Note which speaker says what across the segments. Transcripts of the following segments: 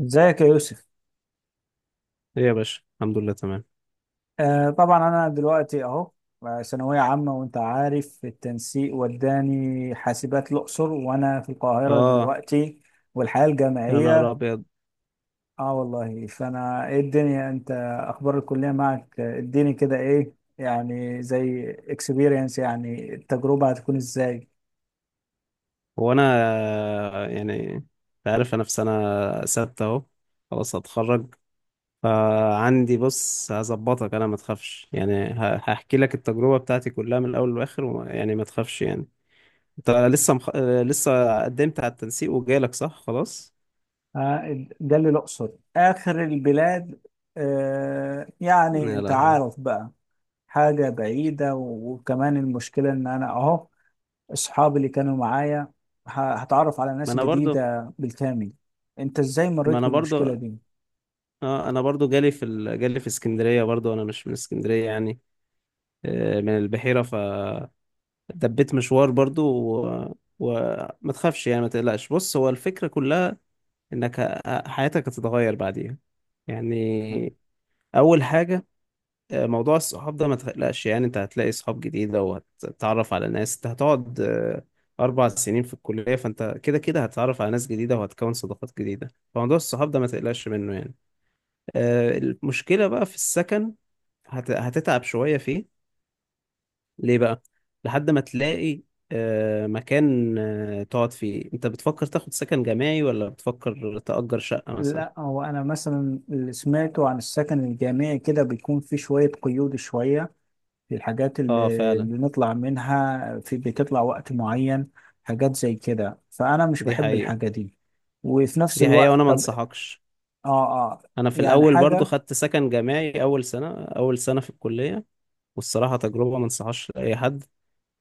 Speaker 1: ازيك يا يوسف؟
Speaker 2: ايه يا باشا، الحمد لله تمام.
Speaker 1: آه طبعا انا دلوقتي اهو، ثانويه عامه وانت عارف التنسيق وداني حاسبات الاقصر وانا في القاهره
Speaker 2: اه.
Speaker 1: دلوقتي والحياه
Speaker 2: يا نهار
Speaker 1: الجامعيه.
Speaker 2: ابيض!
Speaker 1: اه والله. فانا ايه الدنيا انت؟ اخبار الكليه معك. اديني كده ايه، يعني زي اكسبيرينس، يعني التجربه هتكون ازاي؟
Speaker 2: هو انا، يعني انت عارف، انا في سنه سته اهو، خلاص هتخرج. فعندي، بص هظبطك، انا ما تخافش يعني، هحكي لك التجربه بتاعتي كلها من الاول للاخر يعني ما تخافش يعني. انت لسه مخ... آه، لسه قدمت على التنسيق وجالك، صح؟ خلاص.
Speaker 1: آه جالي الاقصر، اخر البلاد. آه يعني
Speaker 2: يا
Speaker 1: انت
Speaker 2: لهوي.
Speaker 1: عارف بقى، حاجه بعيده، وكمان المشكله ان انا اهو، اصحابي اللي كانوا معايا، هتعرف على
Speaker 2: ما
Speaker 1: ناس
Speaker 2: انا برضو
Speaker 1: جديدة بالكامل. انت ازاي
Speaker 2: ما
Speaker 1: مريت
Speaker 2: انا برضو
Speaker 1: بالمشكلة دي؟
Speaker 2: اه انا برضو جالي في اسكندريه، برضو انا مش من اسكندريه يعني. من البحيره، ف دبيت مشوار برضو. وما تخافش يعني، ما تقلقش. بص هو الفكرة كلها انك حياتك هتتغير بعديها
Speaker 1: مم.
Speaker 2: يعني. اول حاجة، موضوع الصحاب ده ما تقلقش يعني، انت هتلاقي صحاب جديدة وهتتعرف على ناس. انت هتقعد 4 سنين في الكلية، فانت كده كده هتتعرف على ناس جديدة وهتكون صداقات جديدة. فموضوع الصحاب ده ما تقلقش منه يعني. المشكلة بقى في السكن. هتتعب شوية فيه. ليه بقى؟ لحد ما تلاقي مكان تقعد فيه. انت بتفكر تاخد سكن جماعي ولا بتفكر تأجر شقة مثلا؟
Speaker 1: لا هو انا مثلا اللي سمعته عن السكن الجامعي كده بيكون في شوية قيود، شوية في الحاجات
Speaker 2: اه
Speaker 1: اللي,
Speaker 2: فعلا.
Speaker 1: اللي نطلع منها، في بتطلع وقت معين، حاجات زي كده، فانا مش
Speaker 2: دي
Speaker 1: بحب
Speaker 2: حقيقة،
Speaker 1: الحاجة دي. وفي نفس
Speaker 2: دي حقيقة،
Speaker 1: الوقت
Speaker 2: وانا ما
Speaker 1: طب.
Speaker 2: انصحكش.
Speaker 1: اه. اه.
Speaker 2: انا في
Speaker 1: يعني
Speaker 2: الاول برضو
Speaker 1: حاجة.
Speaker 2: خدت سكن جماعي، اول سنة، اول سنة في الكلية، والصراحة تجربة ما انصحهاش لاي حد.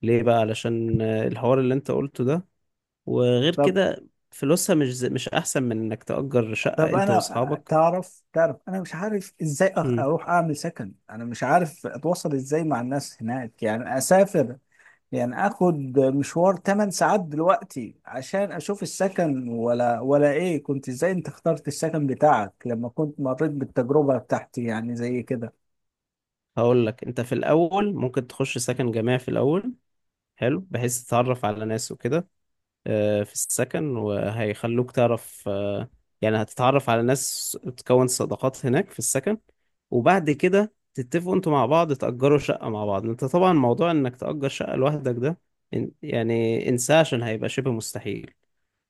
Speaker 2: ليه بقى؟ علشان الحوار اللي انت قلته ده. وغير
Speaker 1: طب.
Speaker 2: كده فلوسها مش احسن من انك تأجر شقة
Speaker 1: طب
Speaker 2: انت
Speaker 1: انا
Speaker 2: واصحابك.
Speaker 1: تعرف انا مش عارف ازاي
Speaker 2: مم.
Speaker 1: اروح اعمل سكن. انا مش عارف اتواصل ازاي مع الناس هناك. يعني اسافر، يعني اخد مشوار 8 ساعات دلوقتي عشان اشوف السكن، ولا ايه؟ كنت ازاي، انت اخترت السكن بتاعك لما كنت مريت بالتجربة بتاعتي يعني زي كده؟
Speaker 2: هقول لك، انت في الاول ممكن تخش سكن جماعي في الاول، حلو، بحيث تتعرف على ناس وكده في السكن، وهيخلوك تعرف، يعني هتتعرف على ناس، تكون صداقات هناك في السكن. وبعد كده تتفقوا انتوا مع بعض تأجروا شقة مع بعض. انت طبعا موضوع انك تأجر شقة لوحدك ده يعني انساه، عشان هيبقى شبه مستحيل.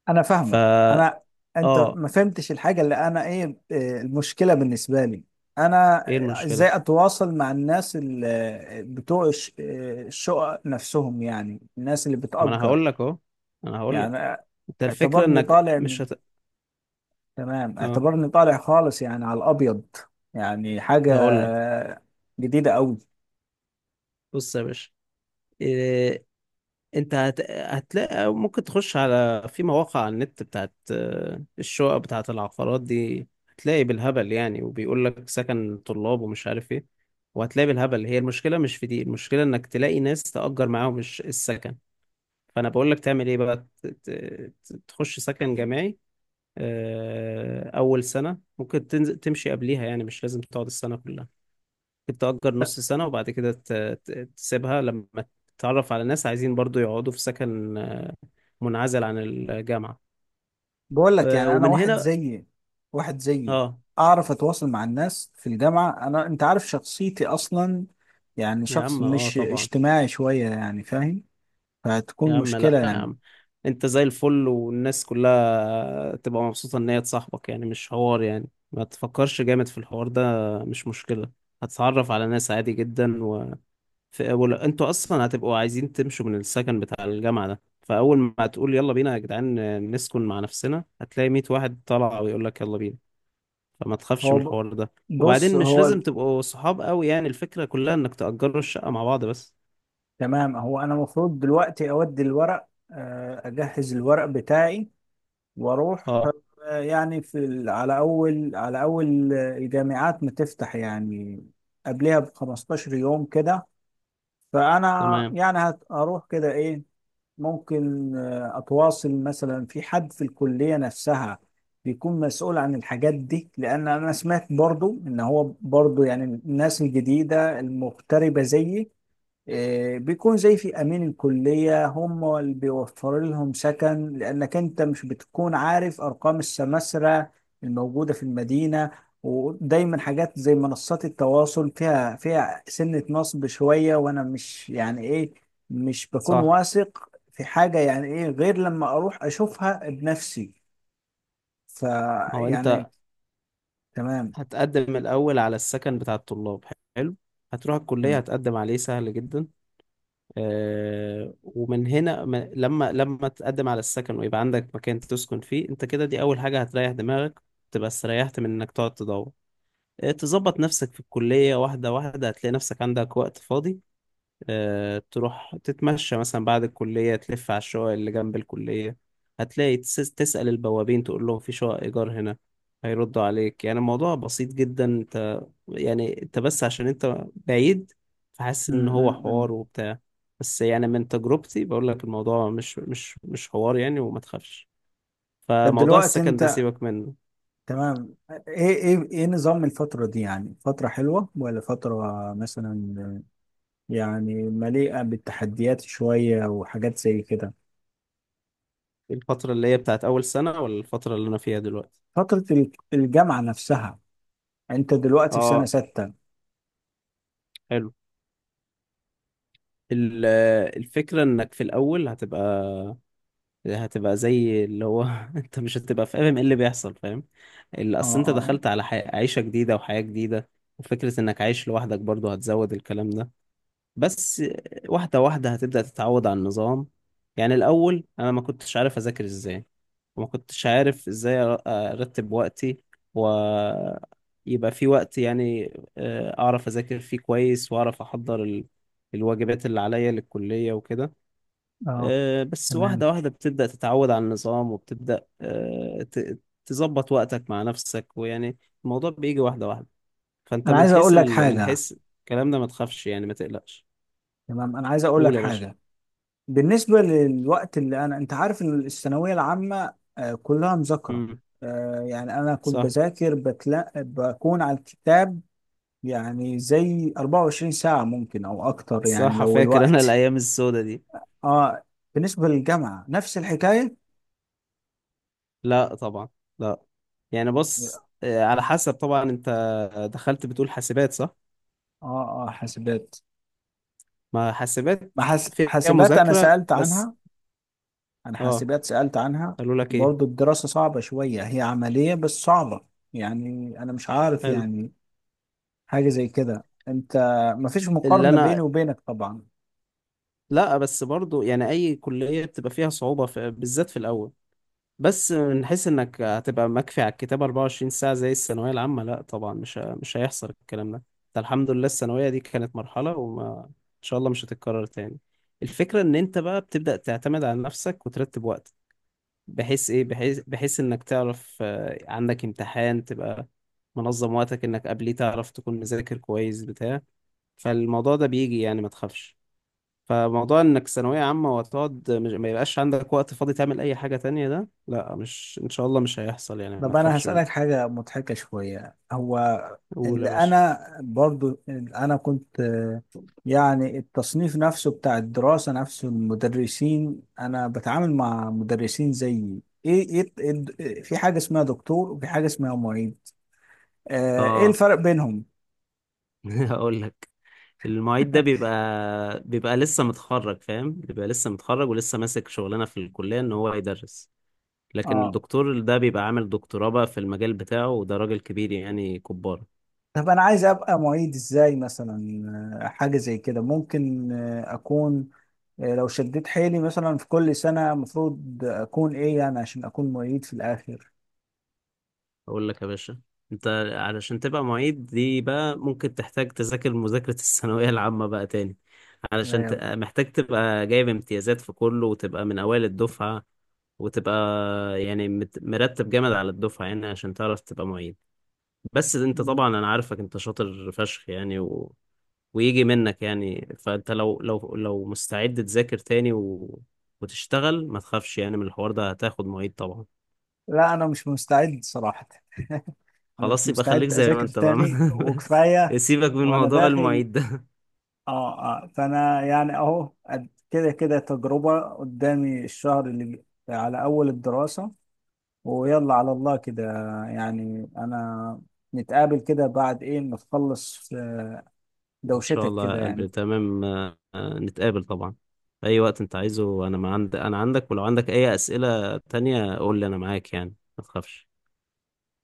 Speaker 1: انا فاهمك.
Speaker 2: فا
Speaker 1: انا انت
Speaker 2: اه،
Speaker 1: ما فهمتش الحاجه اللي انا ايه. المشكله بالنسبه لي، انا
Speaker 2: ايه المشكلة؟
Speaker 1: ازاي اتواصل مع الناس اللي بتوع الشقق نفسهم، يعني الناس اللي
Speaker 2: ما انا
Speaker 1: بتأجر،
Speaker 2: هقول لك اهو، انا هقول لك.
Speaker 1: يعني
Speaker 2: انت الفكرة
Speaker 1: اعتبرني
Speaker 2: انك
Speaker 1: طالع
Speaker 2: مش
Speaker 1: من،
Speaker 2: هت...
Speaker 1: تمام
Speaker 2: اه،
Speaker 1: اعتبرني طالع خالص يعني على الابيض، يعني حاجه
Speaker 2: هقول لك.
Speaker 1: جديده قوي.
Speaker 2: بص يا باشا، آه، انت هتلاقي، ممكن تخش على، في مواقع على النت بتاعت الشقق، بتاعت العقارات دي، هتلاقي بالهبل يعني، وبيقول لك سكن طلاب ومش عارف ايه. وهتلاقي بالهبل. هي المشكلة مش في دي، المشكلة انك تلاقي ناس تأجر معاهم السكن. فانا بقول لك تعمل ايه بقى، تخش سكن جامعي اول سنة. ممكن تنزل تمشي قبليها، يعني مش لازم تقعد السنة كلها، ممكن تأجر نص سنة وبعد كده تسيبها لما تتعرف على ناس عايزين برضو يقعدوا في سكن منعزل عن الجامعة.
Speaker 1: بقول لك يعني انا
Speaker 2: ومن
Speaker 1: واحد
Speaker 2: هنا.
Speaker 1: زيي واحد زيي
Speaker 2: اه
Speaker 1: اعرف اتواصل مع الناس في الجامعه؟ انا انت عارف شخصيتي اصلا، يعني
Speaker 2: يا
Speaker 1: شخص
Speaker 2: عم، اه
Speaker 1: مش
Speaker 2: طبعا.
Speaker 1: اجتماعي شويه، يعني فاهم،
Speaker 2: يا
Speaker 1: فهتكون
Speaker 2: عم لا
Speaker 1: مشكله
Speaker 2: يا
Speaker 1: يعني.
Speaker 2: عم، انت زي الفل والناس كلها تبقى مبسوطة ان هي تصاحبك. يعني مش حوار يعني، ما تفكرش جامد في الحوار ده، مش مشكلة. هتتعرف على ناس عادي جدا انتوا اصلا هتبقوا عايزين تمشوا من السكن بتاع الجامعة ده. فاول ما تقول يلا بينا يا جدعان نسكن مع نفسنا، هتلاقي 100 واحد طالع ويقول لك يلا بينا. فما تخافش من
Speaker 1: هو ب-
Speaker 2: الحوار ده.
Speaker 1: بص
Speaker 2: وبعدين مش
Speaker 1: هو،
Speaker 2: لازم تبقوا صحاب قوي، يعني الفكرة كلها انك تأجروا الشقة مع بعض بس.
Speaker 1: تمام. هو انا المفروض دلوقتي اودي الورق، اجهز الورق بتاعي واروح.
Speaker 2: اه،
Speaker 1: يعني على اول الجامعات ما تفتح، يعني قبلها ب 15 يوم كده. فانا
Speaker 2: تمام،
Speaker 1: يعني هروح كده ايه، ممكن اتواصل مثلا في حد في الكلية نفسها بيكون مسؤول عن الحاجات دي. لان انا سمعت برضو ان هو برضو، يعني الناس الجديدة المغتربة زيي، بيكون زي في امين الكليه هم اللي بيوفروا لهم سكن، لانك انت مش بتكون عارف ارقام السماسره الموجوده في المدينه. ودايما حاجات زي منصات التواصل فيها سنه نصب شويه، وانا مش يعني ايه، مش بكون
Speaker 2: صح.
Speaker 1: واثق في حاجه يعني ايه غير لما اروح اشوفها بنفسي.
Speaker 2: ما هو
Speaker 1: فيعني
Speaker 2: انت
Speaker 1: تمام.
Speaker 2: هتقدم الاول على السكن بتاع الطلاب، حلو، هتروح الكلية
Speaker 1: تمام.
Speaker 2: هتقدم عليه، سهل جدا. آه، ومن هنا، لما تقدم على السكن ويبقى عندك مكان تسكن فيه، انت كده دي اول حاجة هتريح دماغك، تبقى استريحت من انك تقعد تدور. تظبط نفسك في الكلية واحدة واحدة، هتلاقي نفسك عندك وقت فاضي، تروح تتمشى مثلا بعد الكلية، تلف على الشقق اللي جنب الكلية، هتلاقي تسأل البوابين تقول لهم في شقق إيجار هنا، هيردوا عليك. يعني الموضوع بسيط جدا. انت يعني، انت بس عشان انت بعيد، فحاسس
Speaker 1: م-
Speaker 2: ان هو
Speaker 1: م- م.
Speaker 2: حوار وبتاع، بس يعني من تجربتي بقول لك، الموضوع مش حوار يعني، وما تخافش.
Speaker 1: طب
Speaker 2: فموضوع
Speaker 1: دلوقتي
Speaker 2: السكن ده
Speaker 1: انت،
Speaker 2: سيبك منه.
Speaker 1: تمام، ايه نظام الفترة دي، يعني فترة حلوة، ولا فترة مثلا يعني مليئة بالتحديات شوية وحاجات زي كده؟
Speaker 2: الفترة اللي هي بتاعت أول سنة ولا الفترة اللي أنا فيها دلوقتي؟
Speaker 1: فترة الجامعة نفسها، انت دلوقتي في سنة
Speaker 2: اه،
Speaker 1: ستة.
Speaker 2: حلو. ال- الفكرة انك في الأول هتبقى، زي اللي هو انت مش هتبقى فاهم ايه اللي بيحصل، فاهم؟ اللي
Speaker 1: اه.
Speaker 2: اصل انت
Speaker 1: اه.
Speaker 2: دخلت على عيشة جديدة وحياة جديدة، وفكرة انك عايش لوحدك برضو هتزود الكلام ده. بس واحدة واحدة هتبدأ تتعود على النظام. يعني الاول انا ما كنتش عارف اذاكر ازاي، وما كنتش عارف ازاي ارتب وقتي، ويبقى في وقت يعني اعرف اذاكر فيه كويس، واعرف احضر الواجبات اللي عليا للكلية وكده.
Speaker 1: اه.
Speaker 2: بس
Speaker 1: تمام.
Speaker 2: واحدة واحدة بتبدأ تتعود على النظام، وبتبدأ تظبط وقتك مع نفسك. ويعني الموضوع بيجي واحدة واحدة. فأنت
Speaker 1: انا
Speaker 2: من
Speaker 1: عايز اقول
Speaker 2: حيث
Speaker 1: لك
Speaker 2: من
Speaker 1: حاجة
Speaker 2: حيث الكلام ده ما تخافش يعني، ما تقلقش.
Speaker 1: تمام انا عايز اقول لك
Speaker 2: قول يا باشا.
Speaker 1: حاجة. بالنسبة للوقت اللي انا، انت عارف إن الثانوية العامة كلها مذاكرة.
Speaker 2: امم.
Speaker 1: يعني انا كنت
Speaker 2: صح،
Speaker 1: بذاكر بكون على الكتاب يعني زي 24 ساعة ممكن أو أكتر يعني
Speaker 2: صح،
Speaker 1: لو
Speaker 2: فاكر أنا
Speaker 1: الوقت.
Speaker 2: الأيام السودة دي.
Speaker 1: آه. بالنسبة للجامعة نفس الحكاية.
Speaker 2: لا طبعا، لا. يعني بص، على حسب طبعا. أنت دخلت بتقول حاسبات، صح؟
Speaker 1: آه آه حاسبات.
Speaker 2: ما
Speaker 1: ما
Speaker 2: حاسبات
Speaker 1: حاس...
Speaker 2: فيها
Speaker 1: حاسبات، أنا
Speaker 2: مذاكرة
Speaker 1: سألت
Speaker 2: بس.
Speaker 1: عنها. أنا
Speaker 2: اه،
Speaker 1: حاسبات سألت عنها،
Speaker 2: قالوا لك ايه؟
Speaker 1: برضو الدراسة صعبة شوية، هي عملية بس صعبة. يعني أنا مش عارف،
Speaker 2: حلو.
Speaker 1: يعني حاجة زي كده. أنت، ما فيش
Speaker 2: اللي
Speaker 1: مقارنة بيني
Speaker 2: انا،
Speaker 1: وبينك طبعا.
Speaker 2: لا بس برضو يعني اي كلية بتبقى فيها صعوبة في، بالذات في الاول. بس من حيث انك هتبقى مكفي على الكتاب 24 ساعة زي الثانوية العامة، لا طبعا، مش هيحصل الكلام ده. انت الحمد لله الثانوية دي كانت مرحلة، وما ان شاء الله مش هتتكرر تاني. الفكرة ان انت بقى بتبدأ تعتمد على نفسك وترتب وقتك، بحيث ايه، بحيث انك تعرف عندك امتحان تبقى منظم وقتك انك قبليه تعرف تكون مذاكر كويس بتاع فالموضوع ده بيجي، يعني ما تخافش. فموضوع انك ثانوية عامة وتقعد مش... ما يبقاش عندك وقت فاضي تعمل اي حاجة تانية، ده لا، مش ان شاء الله، مش هيحصل يعني، ما
Speaker 1: طب انا
Speaker 2: تخافش
Speaker 1: هسألك
Speaker 2: منه.
Speaker 1: حاجة مضحكة شوية. هو
Speaker 2: قول يا
Speaker 1: اللي
Speaker 2: باشا.
Speaker 1: انا برضو اللي انا كنت آه، يعني التصنيف نفسه بتاع الدراسة نفسه، المدرسين انا بتعامل مع مدرسين زيي ايه، في حاجة اسمها دكتور وفي حاجة اسمها معيد. ايه
Speaker 2: اه.
Speaker 1: الفرق بينهم؟
Speaker 2: هقول لك. المعيد ده بيبقى، لسه متخرج، فاهم؟ بيبقى لسه متخرج ولسه ماسك شغلانه في الكليه ان هو يدرس. لكن
Speaker 1: اه،
Speaker 2: الدكتور ده بيبقى عامل دكتوراه بقى في المجال بتاعه، وده راجل كبير يعني، كبار.
Speaker 1: طب انا عايز ابقى معيد ازاي مثلا؟ حاجه زي كده ممكن آه، اكون آه، لو شديت حيلي مثلا، في كل سنه المفروض اكون ايه يعني عشان اكون معيد في الاخر؟
Speaker 2: اقول لك يا باشا، انت علشان تبقى معيد دي بقى، ممكن تحتاج تذاكر مذاكرة الثانوية العامة بقى تاني، علشان
Speaker 1: أيوة.
Speaker 2: محتاج تبقى جايب امتيازات في كله، وتبقى من اوائل الدفعة، وتبقى يعني مرتب جامد على الدفعة يعني، عشان تعرف تبقى معيد. بس انت طبعا انا عارفك، انت شاطر فشخ يعني، و... ويجي منك يعني. فانت لو لو مستعد تذاكر تاني و... وتشتغل، ما تخافش يعني من الحوار ده، هتاخد معيد طبعا.
Speaker 1: لا انا مش مستعد صراحة. انا مش
Speaker 2: خلاص يبقى خليك
Speaker 1: مستعد
Speaker 2: زي ما
Speaker 1: اذاكر
Speaker 2: انت بقى.
Speaker 1: تاني وكفاية.
Speaker 2: سيبك من
Speaker 1: وانا
Speaker 2: موضوع
Speaker 1: داخل،
Speaker 2: المعيد ده.
Speaker 1: اه اه، فانا يعني اهو كده كده تجربة قدامي الشهر على اول الدراسة، ويلا على الله كده. يعني انا نتقابل كده بعد ايه ما تخلص؟
Speaker 2: ان شاء
Speaker 1: دوشتك
Speaker 2: الله
Speaker 1: كده
Speaker 2: يا قلبي،
Speaker 1: يعني.
Speaker 2: تمام. نتقابل طبعا، في اي وقت انت عايزه. انا ما عند... انا عندك، ولو عندك اي اسئلة تانية قول لي، انا معاك يعني، ما تخافش.